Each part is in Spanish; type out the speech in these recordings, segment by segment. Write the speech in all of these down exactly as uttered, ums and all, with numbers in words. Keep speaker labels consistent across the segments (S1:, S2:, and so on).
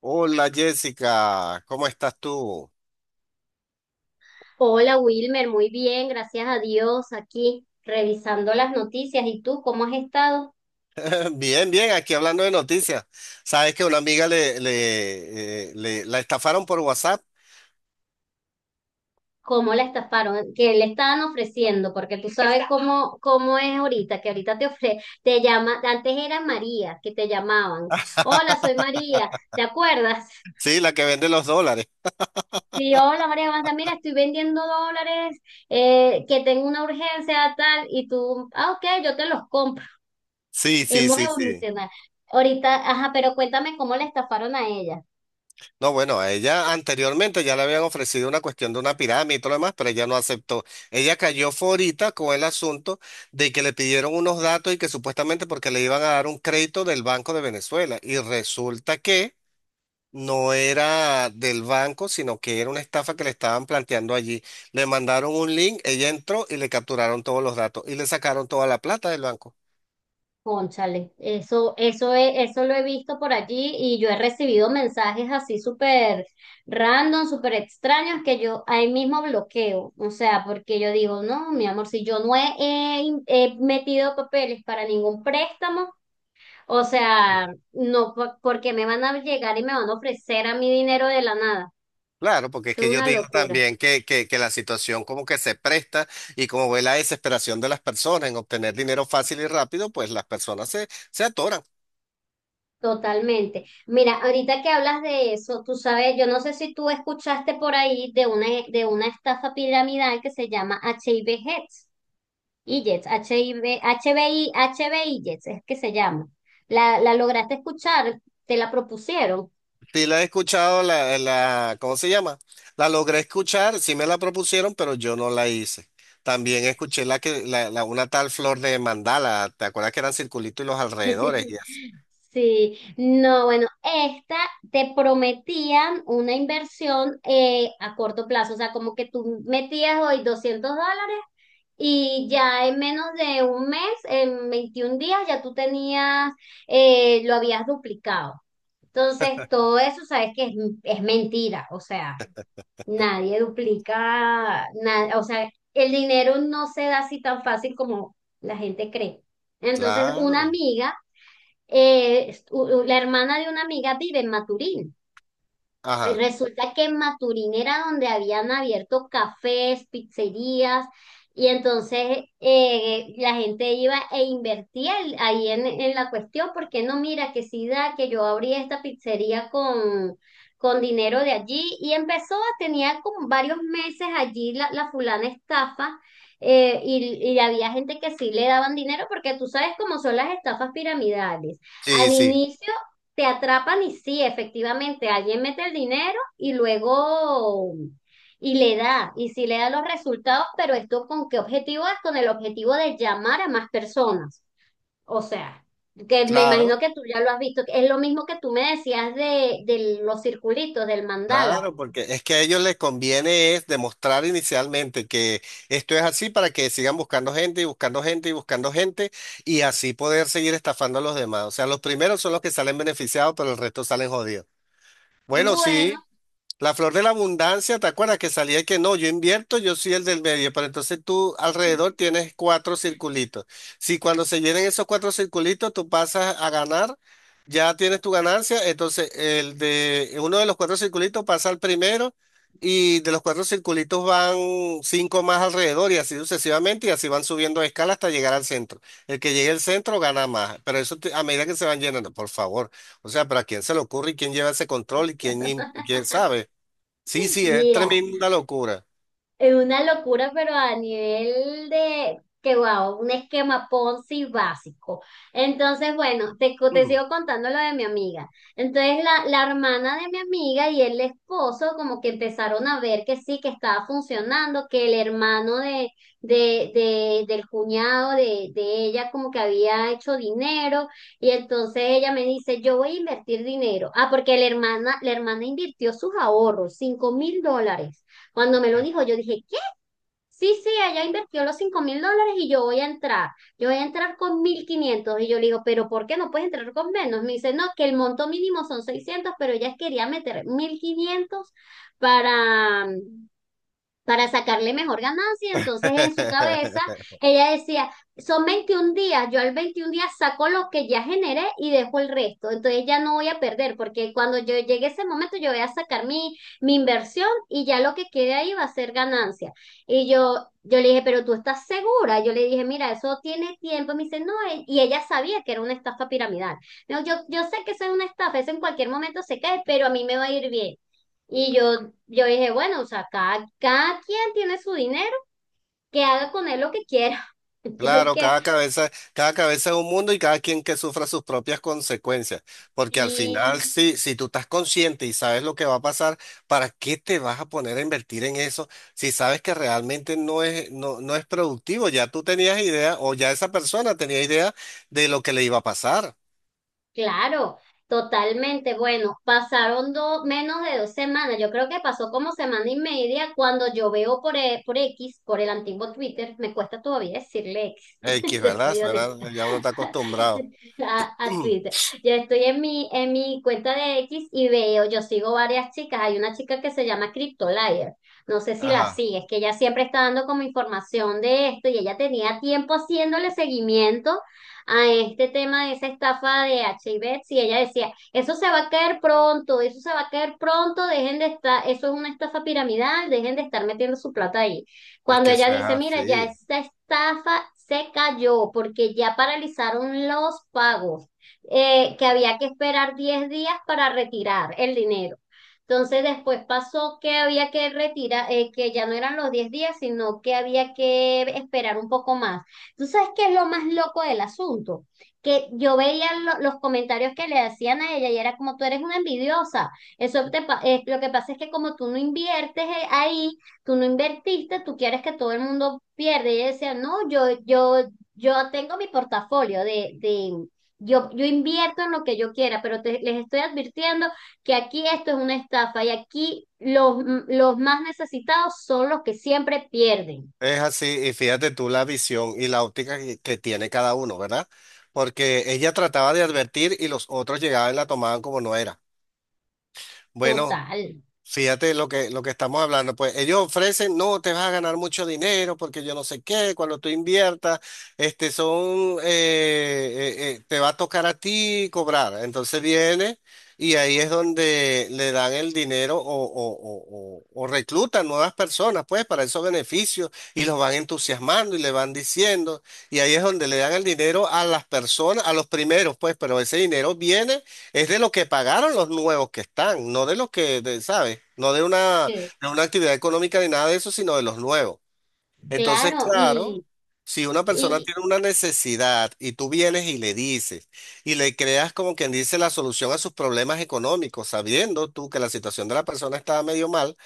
S1: Hola Jessica, ¿cómo estás tú?
S2: Hola Wilmer, muy bien, gracias a Dios, aquí revisando las noticias. ¿Y tú cómo has estado?
S1: Bien, bien, aquí hablando de noticias. Sabes que una amiga le, le, eh, le- la estafaron por WhatsApp,
S2: ¿Cómo la estafaron? ¿Qué le estaban ofreciendo? Porque tú sabes cómo, cómo es ahorita, que ahorita te ofre, te llama, antes era María, que te llamaban. Hola, soy María, ¿te acuerdas?
S1: sí, la que vende los dólares.
S2: Sí, hola María, ¿cómo estás? Mira, estoy vendiendo dólares, eh, que tengo una urgencia tal, y tú, ah, ok, yo te los compro.
S1: Sí, sí,
S2: Hemos
S1: sí, sí.
S2: evolucionado. Ahorita, ajá, pero cuéntame cómo la estafaron a ella.
S1: No, bueno, a ella anteriormente ya le habían ofrecido una cuestión de una pirámide y todo lo demás, pero ella no aceptó. Ella cayó forita con el asunto de que le pidieron unos datos y que supuestamente porque le iban a dar un crédito del Banco de Venezuela. Y resulta que no era del banco, sino que era una estafa que le estaban planteando allí. Le mandaron un link, ella entró y le capturaron todos los datos y le sacaron toda la plata del banco.
S2: Cónchale, eso, eso he- eso lo he visto por allí y yo he recibido mensajes así súper random, súper extraños que yo ahí mismo bloqueo. O sea, porque yo digo, no, mi amor, si yo no he, he in- he metido papeles para ningún préstamo. O sea, no, po- ¿porque me van a llegar y me van a ofrecer a mi dinero de la nada?
S1: Claro, porque es
S2: Es
S1: que yo
S2: una
S1: digo
S2: locura.
S1: también que, que, que la situación como que se presta y como ve la desesperación de las personas en obtener dinero fácil y rápido, pues las personas se, se atoran.
S2: Totalmente. Mira, ahorita que hablas de eso, tú sabes, yo no sé si tú escuchaste por ahí de una, de una estafa piramidal que se llama H I V Heads, y Jets, I I H H V, B I, H B I Jets, es que se llama. La, la lograste escuchar, te la propusieron?
S1: Sí la he escuchado, la, la, ¿cómo se llama? La logré escuchar, sí me la propusieron, pero yo no la hice. También escuché la que, la, la- una tal flor de mandala, ¿te acuerdas que eran circulitos y los alrededores? Y así
S2: Sí, no, bueno, esta te prometían una inversión eh, a corto plazo, o sea, como que tú metías hoy doscientos dólares. Y ya en menos de un mes, en veintiún días, ya tú tenías, eh, lo habías duplicado. Entonces, todo eso sabes que es, es mentira. O sea, nadie duplica nada. O sea, el dinero no se da así tan fácil como la gente cree. Entonces, una
S1: claro,
S2: amiga, eh, u- u- la hermana de una amiga vive en Maturín. Y
S1: ajá,
S2: resulta que en Maturín era donde habían abierto cafés, pizzerías, y entonces eh, la gente iba e invertía el- ahí en, en la cuestión, porque no, mira, que sí da, que yo abrí esta pizzería con, con dinero de allí, y empezó, tenía como varios meses allí la, la fulana estafa, eh, y, y había gente que sí le daban dinero, porque tú sabes cómo son las estafas piramidales.
S1: sí,
S2: Al
S1: sí,
S2: inicio te atrapan y sí, efectivamente, alguien mete el dinero y luego y le da, y sí le da los resultados, pero ¿esto con qué objetivo es? Con el objetivo de llamar a más personas. O sea, que me imagino
S1: claro,
S2: que tú ya lo has visto, que es lo mismo que tú me decías de, de los circulitos, del mandala.
S1: claro, porque es que a ellos les conviene es demostrar inicialmente que esto es así para que sigan buscando gente y buscando gente y buscando gente y así poder seguir estafando a los demás. O sea, los primeros son los que salen beneficiados, pero el resto salen jodidos. Bueno, sí.
S2: Bueno,
S1: La flor de la abundancia, ¿te acuerdas que salía y que no? Yo invierto, yo soy el del medio, pero entonces tú alrededor tienes cuatro circulitos. Si cuando se llenen esos cuatro circulitos, tú pasas a ganar, ya tienes tu ganancia, entonces el de uno de los cuatro circulitos pasa al primero y de los cuatro circulitos van cinco más alrededor y así sucesivamente y así van subiendo de escala hasta llegar al centro. El que llegue al centro gana más, pero eso te- a medida que se van llenando, por favor. O sea, pero ¿a quién se le ocurre y quién lleva ese control y quién, im- quién sabe? Sí, sí, es
S2: mira.
S1: tremenda locura.
S2: Es una locura, pero a nivel de que wow, un esquema Ponzi básico. Entonces, bueno, te, co- te
S1: Ujú.
S2: sigo contando lo de mi amiga. Entonces, la, la hermana de mi amiga y el esposo como que empezaron a ver que sí, que estaba funcionando, que el hermano de, de, de- del cuñado de, de ella como que había hecho dinero y entonces ella me dice, yo voy a invertir dinero. Ah, porque la hermana, la hermana invirtió sus ahorros, cinco mil dólares. Cuando me lo dijo, yo dije, ¿qué? Sí, sí, ella invirtió los cinco mil dólares y yo voy a entrar. Yo voy a entrar con mil quinientos. Y yo le digo, ¿pero por qué no puedes entrar con menos? Me dice, no, que el monto mínimo son seiscientos, pero ella quería meter mil quinientos para, para sacarle mejor ganancia. Entonces, en su cabeza, ella decía, son veintiún días, yo al veintiún días saco lo que ya generé y dejo el resto. Entonces, ya no voy a perder, porque cuando yo llegue ese momento, yo voy a sacar mi, mi inversión y ya lo que quede ahí va a ser ganancia. Y yo, yo le dije, pero ¿tú estás segura? Yo le dije, mira, eso tiene tiempo. Me dice, no, e- y ella sabía que era una estafa piramidal. Me yo, yo sé que eso es una estafa, eso en cualquier momento se cae, pero a mí me va a ir bien. Y yo, yo dije, bueno, o sea, cada, cada quien tiene su dinero, que haga con él lo que quiera. Yo
S1: Claro,
S2: dije,
S1: cada cabeza, cada cabeza es un mundo y cada quien que sufra sus propias consecuencias. Porque al final,
S2: sí,
S1: si, si tú estás consciente y sabes lo que va a pasar, ¿para qué te vas a poner a invertir en eso si sabes que realmente no es, no, no es productivo? Ya tú tenías idea, o ya esa persona tenía idea de lo que le iba a pasar.
S2: claro, totalmente. Bueno, pasaron do- menos de dos semanas. Yo creo que pasó como semana y media cuando yo veo por, e- por X, por el antiguo Twitter, me cuesta todavía decirle X,
S1: X,
S2: te
S1: ¿verdad?
S2: soy honesta,
S1: Eso ya uno está acostumbrado.
S2: a, a Twitter. Yo estoy en mi, en mi cuenta de X y veo, yo sigo varias chicas. Hay una chica que se llama CryptoLayer. No sé si la
S1: Ajá.
S2: sigues, que ella siempre está dando como información de esto y ella tenía tiempo haciéndole seguimiento a este tema de esa estafa de H I V, y ella decía, eso se va a caer pronto, eso se va a caer pronto, dejen de estar, eso es una estafa piramidal, dejen de estar metiendo su plata ahí.
S1: Es
S2: Cuando
S1: que
S2: ella
S1: eso es
S2: dice, mira, ya
S1: así.
S2: esta estafa se cayó porque ya paralizaron los pagos, eh, que había que esperar diez días para retirar el dinero. Entonces después pasó que había que retirar, eh, que ya no eran los diez días, sino que había que esperar un poco más. ¿Tú sabes qué es lo más loco del asunto? Que yo veía lo- los comentarios que le hacían a ella y era como tú eres una envidiosa. Eso te pa- eh, lo que pasa es que como tú no inviertes eh, ahí, tú no invertiste, tú quieres que todo el mundo pierda. Y ella decía, no, yo, yo, yo tengo mi portafolio de, de yo, yo invierto en lo que yo quiera, pero te- les estoy advirtiendo que aquí esto es una estafa y aquí los, los más necesitados son los que siempre pierden.
S1: Es así, y fíjate tú la visión y la óptica que, que tiene cada uno, ¿verdad? Porque ella trataba de advertir y los otros llegaban y la tomaban como no era. Bueno,
S2: Total.
S1: fíjate lo que, lo que estamos hablando, pues ellos ofrecen, no, te vas a ganar mucho dinero porque yo no sé qué, cuando tú inviertas, este son, eh, eh, eh, te va a tocar a ti cobrar. Entonces viene y ahí es donde le dan el dinero o, o, o, o- o reclutan nuevas personas, pues, para esos beneficios y los van entusiasmando y le van diciendo. Y ahí es donde le dan el dinero a las personas, a los primeros, pues, pero ese dinero viene. Es de lo que pagaron los nuevos que están, no de los que, de- ¿sabes? No de una, de una actividad económica ni nada de eso, sino de los nuevos. Entonces,
S2: Claro,
S1: claro,
S2: y,
S1: si una persona
S2: y
S1: tiene una necesidad y tú vienes y le dices y le creas como quien dice la solución a sus problemas económicos, sabiendo tú que la situación de la persona está medio mal,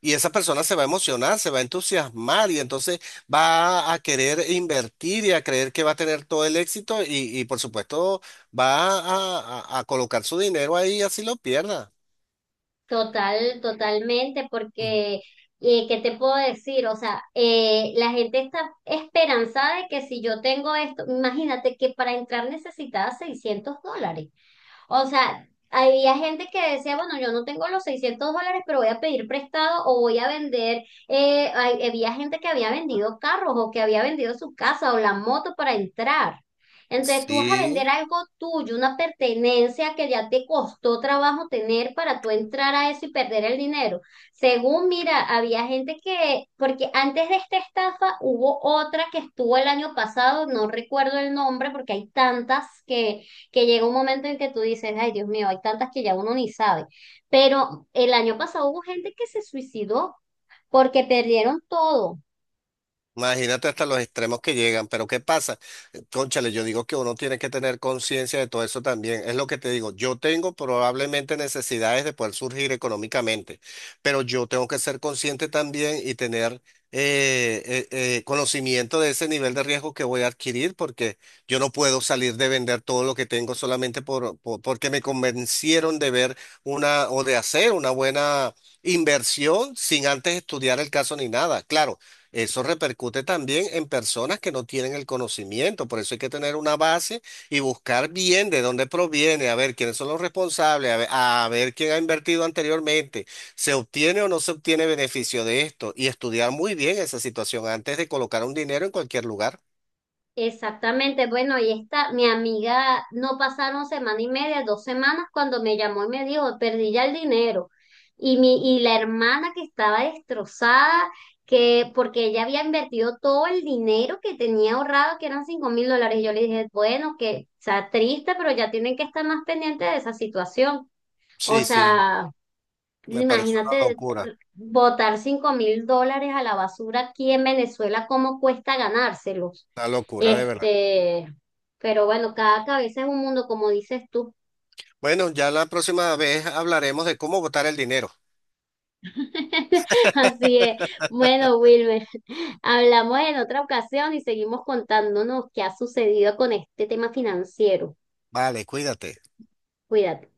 S1: y esa persona se va a emocionar, se va a entusiasmar y entonces va a querer invertir y a creer que va a tener todo el éxito y, y por supuesto va a, a- a colocar su dinero ahí así lo pierda.
S2: total, totalmente,
S1: Ujú.
S2: porque eh, ¿qué te puedo decir? O sea, eh, la gente está esperanzada de que si yo tengo esto, imagínate que para entrar necesitaba seiscientos dólares. O sea, había gente que decía, bueno, yo no tengo los seiscientos dólares, pero voy a pedir prestado o voy a vender. Eh, hay- había gente que había vendido carros o que había vendido su casa o la moto para entrar. Entonces tú vas a vender
S1: Sí.
S2: algo tuyo, una pertenencia que ya te costó trabajo tener para tú entrar a eso y perder el dinero. Según, mira, había gente que, porque antes de esta estafa hubo otra que estuvo el año pasado, no recuerdo el nombre porque hay tantas que llega un momento en que tú dices, ay Dios mío, hay tantas que ya uno ni sabe. Pero el año pasado hubo gente que se suicidó porque perdieron todo.
S1: Imagínate hasta los extremos que llegan, pero ¿qué pasa? Eh, Cónchale, yo digo que uno tiene que tener conciencia de todo eso también. Es lo que te digo, yo tengo probablemente necesidades de poder surgir económicamente, pero yo tengo que ser consciente también y tener eh, eh, eh, conocimiento de ese nivel de riesgo que voy a adquirir, porque yo no puedo salir de vender todo lo que tengo solamente por, por- porque me convencieron de ver una o de hacer una buena inversión sin antes estudiar el caso ni nada. Claro. Eso repercute también en personas que no tienen el conocimiento, por eso hay que tener una base y buscar bien de dónde proviene, a ver quiénes son los responsables, a ver, a ver quién ha invertido anteriormente, se obtiene o no se obtiene beneficio de esto y estudiar muy bien esa situación antes de colocar un dinero en cualquier lugar.
S2: Exactamente, bueno, y esta, mi amiga, no pasaron semana y media, dos semanas, cuando me llamó y me dijo, perdí ya el dinero. Y mi, y la hermana que estaba destrozada, que, porque ella había invertido todo el dinero que tenía ahorrado, que eran cinco mil dólares, y yo le dije, bueno, que, o sea, triste, pero ya tienen que estar más pendientes de esa situación. O
S1: Sí, sí,
S2: sea,
S1: me parece una
S2: imagínate
S1: locura,
S2: botar cinco mil dólares a la basura aquí en Venezuela, cómo cuesta ganárselos.
S1: una locura de verdad.
S2: Este, pero bueno, cada cabeza es un mundo, como dices tú.
S1: Bueno, ya la próxima vez hablaremos de cómo botar el dinero.
S2: Así es. Bueno, Wilmer, hablamos en otra ocasión y seguimos contándonos qué ha sucedido con este tema financiero.
S1: Vale, cuídate.
S2: Cuídate.